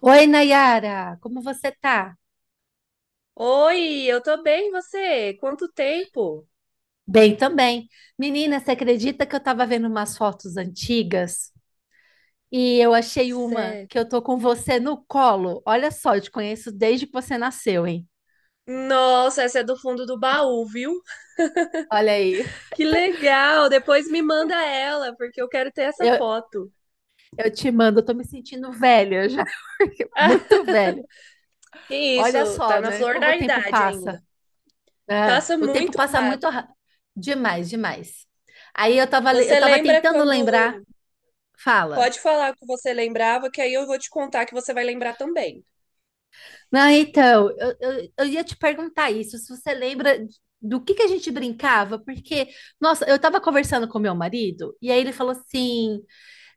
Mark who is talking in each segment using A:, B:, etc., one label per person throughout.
A: Oi, Nayara, como você tá?
B: Oi, eu tô bem, e você? Quanto tempo?
A: Bem também. Menina, você acredita que eu tava vendo umas fotos antigas e eu achei uma
B: Sé-
A: que eu tô com você no colo? Olha só, eu te conheço desde que você nasceu, hein?
B: Nossa, essa é do fundo do baú, viu?
A: Olha aí.
B: Que legal! Depois me manda ela, porque eu quero ter essa
A: Eu,
B: foto.
A: eu te mando, eu tô me sentindo velha já,
B: Ah,
A: muito velha.
B: que
A: Olha
B: isso, tá
A: só,
B: na
A: né?
B: flor
A: Como o
B: da
A: tempo
B: idade ainda.
A: passa, né?
B: Passa
A: O tempo
B: muito
A: passa
B: rápido.
A: muito demais, demais. Aí eu
B: Você
A: tava
B: lembra
A: tentando lembrar.
B: quando.
A: Fala.
B: Pode falar o que você lembrava, que aí eu vou te contar que você vai lembrar também.
A: Não, então, eu ia te perguntar isso, se você lembra do que a gente brincava, porque, nossa, eu tava conversando com meu marido, e aí ele falou assim,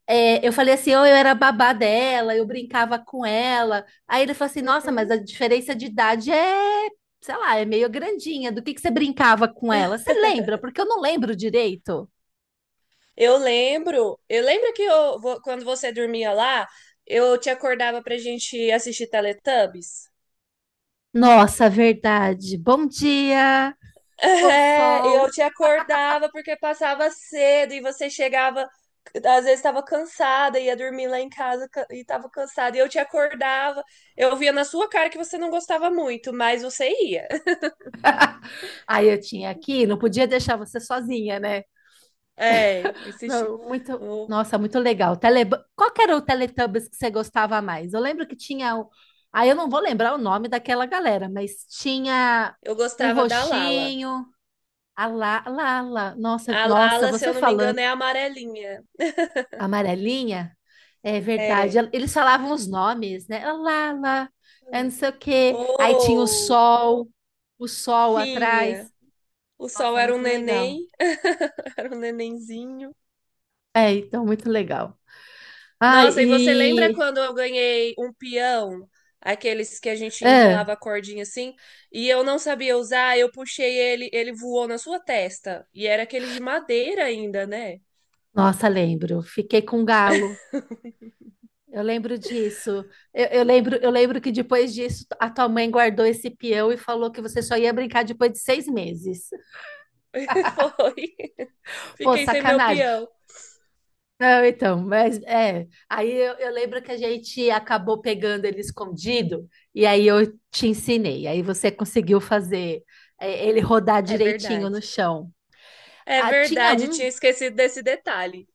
A: é, eu falei assim, oh, eu era babá dela, eu brincava com ela, aí ele falou assim, nossa, mas
B: Uhum.
A: a diferença de idade é, sei lá, é meio grandinha, do que você brincava com ela? Você lembra? Porque eu não lembro direito.
B: Eu lembro que quando você dormia lá, eu te acordava pra gente assistir Teletubbies.
A: Nossa, verdade. Bom dia, o
B: É, eu
A: sol.
B: te acordava porque passava cedo e você chegava, às vezes estava cansada, ia dormir lá em casa e estava cansada. E eu te acordava, eu via na sua cara que você não gostava muito, mas você ia.
A: Aí eu tinha aqui, não podia deixar você sozinha, né?
B: É, assisti.
A: Não, muito,
B: Eu,
A: nossa, muito legal. Tele... Qual que era o Teletubbies que você gostava mais? Eu lembro que tinha. Ah, eu não vou lembrar o nome daquela galera, mas tinha
B: eu
A: um
B: gostava da Lala.
A: roxinho. A lá, lá, lá. Nossa,
B: A
A: nossa,
B: Lala, se
A: você
B: eu não me
A: falando
B: engano, é amarelinha.
A: amarelinha, é verdade.
B: É.
A: Eles falavam os nomes, né? A lá, lá, é não sei o quê. Aí tinha
B: Pô,
A: o sol
B: tinha.
A: atrás.
B: O sol
A: Nossa,
B: era um
A: muito legal.
B: neném, era um nenenzinho.
A: É, então, muito legal. Ah,
B: Nossa, e você lembra
A: e.
B: quando eu ganhei um peão, aqueles que a gente
A: É.
B: enrolava a cordinha assim, e eu não sabia usar, eu puxei ele, ele voou na sua testa. E era aquele de madeira ainda, né?
A: Nossa, lembro. Fiquei com galo. Eu lembro disso. Eu lembro que depois disso a tua mãe guardou esse peão e falou que você só ia brincar depois de 6 meses.
B: Foi.
A: Pô,
B: Fiquei sem meu
A: sacanagem.
B: peão.
A: Não, então, mas é. Aí eu lembro que a gente acabou pegando ele escondido e aí eu te ensinei. Aí você conseguiu fazer ele rodar
B: É
A: direitinho no
B: verdade.
A: chão.
B: É
A: Ah, tinha
B: verdade,
A: um.
B: tinha esquecido desse detalhe.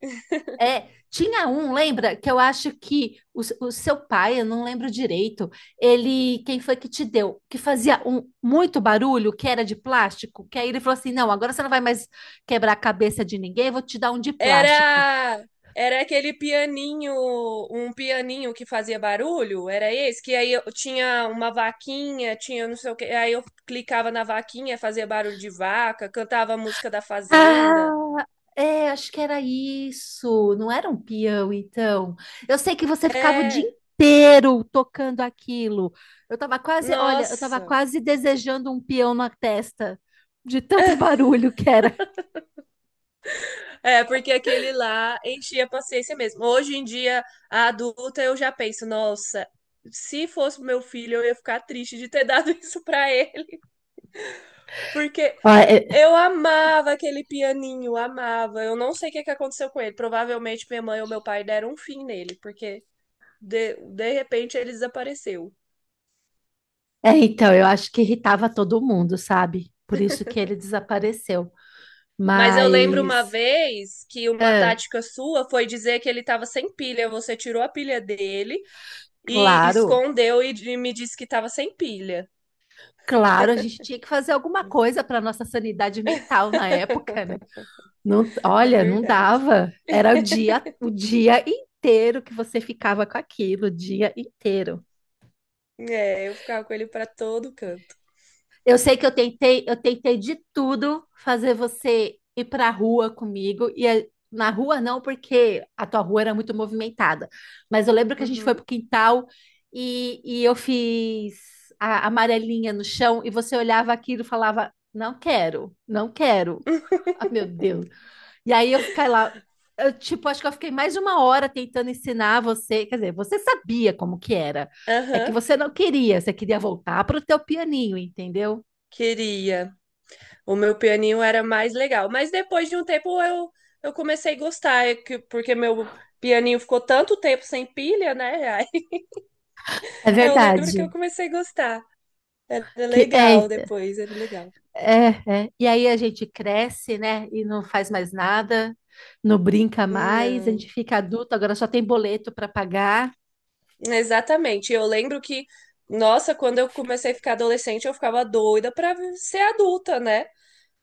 A: É, tinha um, lembra? Que eu acho que o, o seu pai, eu não lembro direito, ele, quem foi que te deu? Que fazia um, muito barulho, que era de plástico, que aí ele falou assim: não, agora você não vai mais quebrar a cabeça de ninguém, eu vou te dar um de plástico.
B: Era era aquele pianinho, um pianinho que fazia barulho, era esse, que aí eu tinha uma vaquinha, tinha não sei o que, aí eu clicava na vaquinha, fazia barulho de vaca, cantava a música da fazenda.
A: Ah, é, acho que era isso. Não era um peão, então. Eu sei que você ficava o dia
B: É,
A: inteiro tocando aquilo. Eu tava quase, olha, eu tava
B: nossa.
A: quase desejando um peão na testa, de tanto barulho que era.
B: É, porque aquele lá enchia a paciência mesmo. Hoje em dia, a adulta, eu já penso, nossa, se fosse meu filho, eu ia ficar triste de ter dado isso pra ele, porque eu amava aquele pianinho, amava. Eu não sei o que que aconteceu com ele. Provavelmente minha mãe ou meu pai deram um fim nele, porque de repente ele desapareceu.
A: É, então, eu acho que irritava todo mundo, sabe? Por isso que ele desapareceu.
B: Mas eu lembro
A: Mas,
B: uma vez que uma
A: é,
B: tática sua foi dizer que ele estava sem pilha. Você tirou a pilha dele e
A: claro,
B: escondeu e me disse que estava sem pilha.
A: claro, a gente tinha que fazer alguma coisa para nossa sanidade mental na época, né? Não,
B: É
A: olha, não
B: verdade.
A: dava. Era o dia inteiro que você ficava com aquilo, o dia inteiro.
B: É, eu ficava com ele para todo canto.
A: Eu sei que eu tentei de tudo fazer você ir pra rua comigo. Na rua não, porque a tua rua era muito movimentada. Mas eu lembro que a gente foi
B: Uhum.
A: pro quintal e eu fiz a amarelinha no chão e você olhava aquilo e falava, não quero, não quero. Ah, meu Deus. E aí eu fiquei lá, eu, tipo, acho que eu fiquei mais de uma hora tentando ensinar você. Quer dizer, você sabia como que era. É que
B: Aham.
A: você não queria, você queria voltar pro teu pianinho, entendeu?
B: Queria. O meu pianinho era mais legal. Mas depois de um tempo eu comecei a gostar, porque meu pianinho ficou tanto tempo sem pilha, né? Aí
A: É
B: eu lembro que
A: verdade.
B: eu comecei a gostar. Era
A: Que é,
B: legal depois, era legal.
A: é, é. E aí a gente cresce, né? E não faz mais nada, não brinca mais, a gente
B: Não,
A: fica adulto, agora só tem boleto para pagar.
B: exatamente. Eu lembro que, nossa, quando eu comecei a ficar adolescente, eu ficava doida pra ser adulta, né?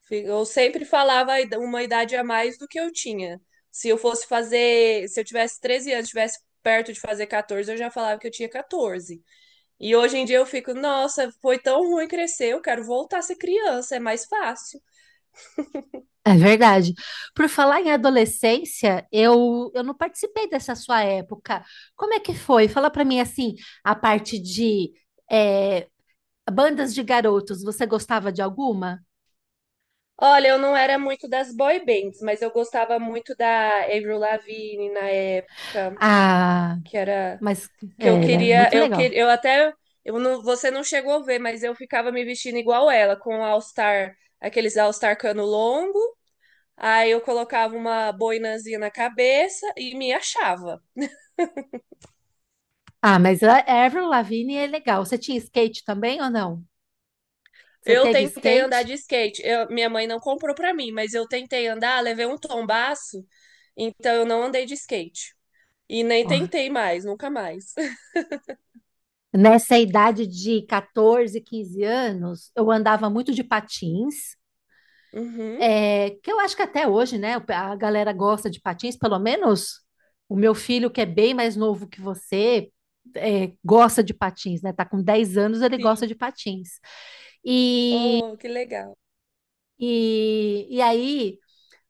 B: Eu sempre falava a uma idade a mais do que eu tinha. Se eu fosse fazer, se eu tivesse 13 anos, tivesse perto de fazer 14, eu já falava que eu tinha 14. E hoje em dia eu fico, nossa, foi tão ruim crescer, eu quero voltar a ser criança, é mais fácil.
A: É verdade. Por falar em adolescência, eu não participei dessa sua época. Como é que foi? Fala para mim assim, a parte de é, bandas de garotos, você gostava de alguma?
B: Olha, eu não era muito das boy bands, mas eu gostava muito da Avril Lavigne na época,
A: Ah,
B: que era
A: mas
B: que eu
A: ele era
B: queria,
A: muito
B: eu
A: legal.
B: queria, eu até eu não, você não chegou a ver, mas eu ficava me vestindo igual ela, com All Star, aqueles All Star cano longo, aí eu colocava uma boinazinha na cabeça e me achava.
A: Ah, mas a Avril Lavigne é legal. Você tinha skate também ou não? Você
B: Eu
A: teve
B: tentei andar
A: skate?
B: de skate. Minha mãe não comprou pra mim, mas eu tentei andar, levei um tombaço, então eu não andei de skate. E nem
A: Ó,
B: tentei mais, nunca mais.
A: nessa idade de 14, 15 anos, eu andava muito de patins,
B: Uhum,
A: que eu acho que até hoje, né? A galera gosta de patins, pelo menos o meu filho, que é bem mais novo que você, gosta de patins, né? Tá com 10 anos, ele gosta
B: sim.
A: de patins. E,
B: Oh, que legal.
A: e aí.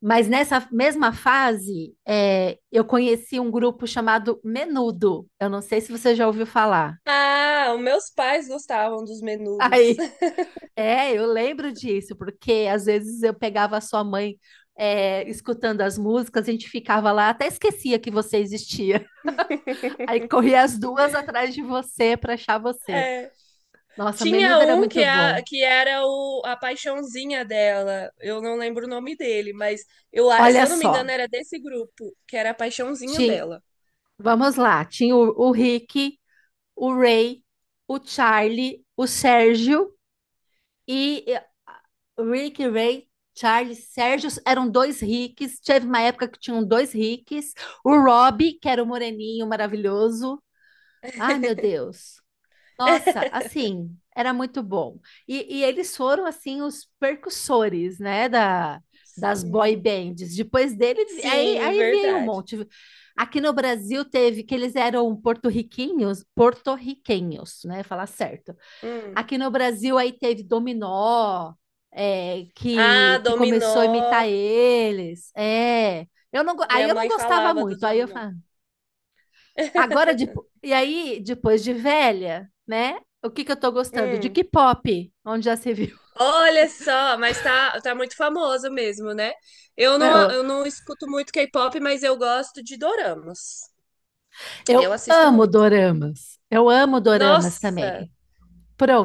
A: Mas nessa mesma fase, eu conheci um grupo chamado Menudo. Eu não sei se você já ouviu falar.
B: Ah, os meus pais gostavam dos menudos.
A: Aí, eu lembro disso, porque às vezes eu pegava a sua mãe, escutando as músicas, a gente ficava lá, até esquecia que você existia. Aí corria as duas atrás de você para achar você.
B: É.
A: Nossa,
B: Tinha
A: Menudo era
B: um que,
A: muito bom.
B: que era o, a paixãozinha dela. Eu não lembro o nome dele, mas se
A: Olha
B: eu não me
A: só,
B: engano, era desse grupo, que era a paixãozinha
A: tinha,
B: dela.
A: vamos lá, tinha o Rick, o Ray, o Charlie, o Sérgio. E Rick, Ray, Charles, Sérgio eram dois Ricks. Teve uma época que tinham dois Ricks. O Rob, que era o moreninho maravilhoso. Ai, meu Deus. Nossa, assim, era muito bom. E eles foram, assim, os percussores, né, das boy
B: Sim,
A: bands. Depois dele, aí,
B: Sim,
A: aí veio um
B: verdade.
A: monte. Aqui no Brasil teve que eles eram porto-riquinhos, porto-riquenhos, né, falar certo.
B: Hum.
A: Aqui no Brasil aí teve Dominó, que,
B: Ah,
A: que começou a imitar
B: dominó.
A: eles. É, eu não, go- aí
B: Minha
A: eu não
B: mãe
A: gostava
B: falava dos
A: muito. Aí eu
B: dominó.
A: falo, agora de, e aí depois de velha, né? O que que eu tô gostando? De
B: Hum.
A: K-pop, onde já se viu.
B: Olha só, mas tá, tá muito famoso mesmo, né?
A: Eu,
B: Eu não escuto muito K-pop, mas eu gosto de doramas. Eu
A: eu
B: assisto
A: amo
B: muito.
A: doramas. Eu amo doramas
B: Nossa,
A: também.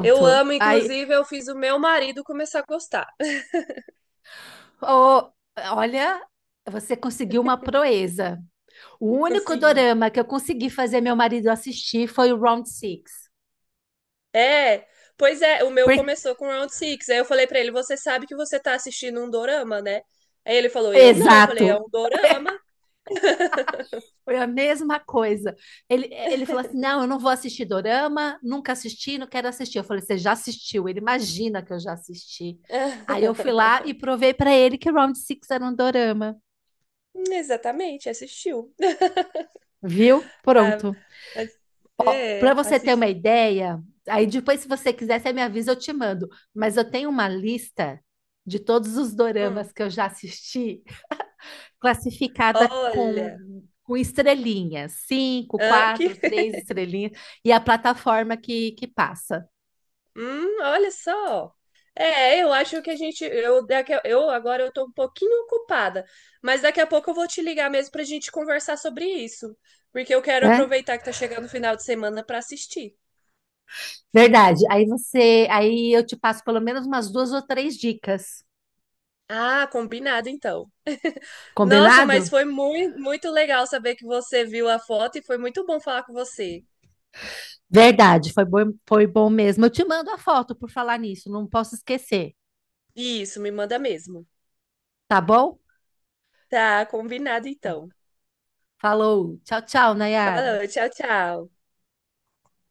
B: eu amo,
A: Aí,
B: inclusive, eu fiz o meu marido começar a gostar.
A: ô, olha, você conseguiu uma proeza. O único
B: Consegui.
A: dorama que eu consegui fazer meu marido assistir foi o Round Six.
B: É, pois é, o meu
A: Por-
B: começou com Round Six. Aí eu falei pra ele, você sabe que você tá assistindo um dorama, né? Aí ele falou, eu não. Eu falei, é
A: Exato.
B: um dorama.
A: Foi a mesma coisa. Ele falou assim: não, eu não vou assistir Dorama, nunca assisti, não quero assistir. Eu falei: você já assistiu? Ele imagina que eu já assisti. Aí eu fui lá e provei para ele que Round Six era um Dorama.
B: Exatamente, assistiu.
A: Viu?
B: Ah,
A: Pronto.
B: mas-
A: Para
B: é,
A: você ter uma
B: assist...
A: ideia, aí depois, se você quiser, você me avisa, eu te mando. Mas eu tenho uma lista de todos os
B: Hum,
A: doramas que eu já assisti classificada
B: olha,
A: com estrelinhas, cinco,
B: ah, que...
A: quatro, três estrelinhas, e a plataforma que passa,
B: Olha só. É, eu acho que a gente, eu, daqui, eu agora eu tô um pouquinho ocupada, mas daqui a pouco eu vou te ligar mesmo pra gente conversar sobre isso, porque eu quero
A: né?
B: aproveitar que tá chegando o final de semana pra assistir.
A: Verdade. Aí eu te passo pelo menos umas duas ou três dicas.
B: Ah, combinado então. Nossa, mas
A: Combinado?
B: foi muito, muito legal saber que você viu a foto e foi muito bom falar com você.
A: Verdade, foi bom mesmo. Eu te mando a foto por falar nisso, não posso esquecer,
B: Isso, me manda mesmo.
A: tá bom?
B: Tá, combinado
A: Tá.
B: então.
A: Falou. Tchau, tchau, Nayara.
B: Falou, tchau, tchau.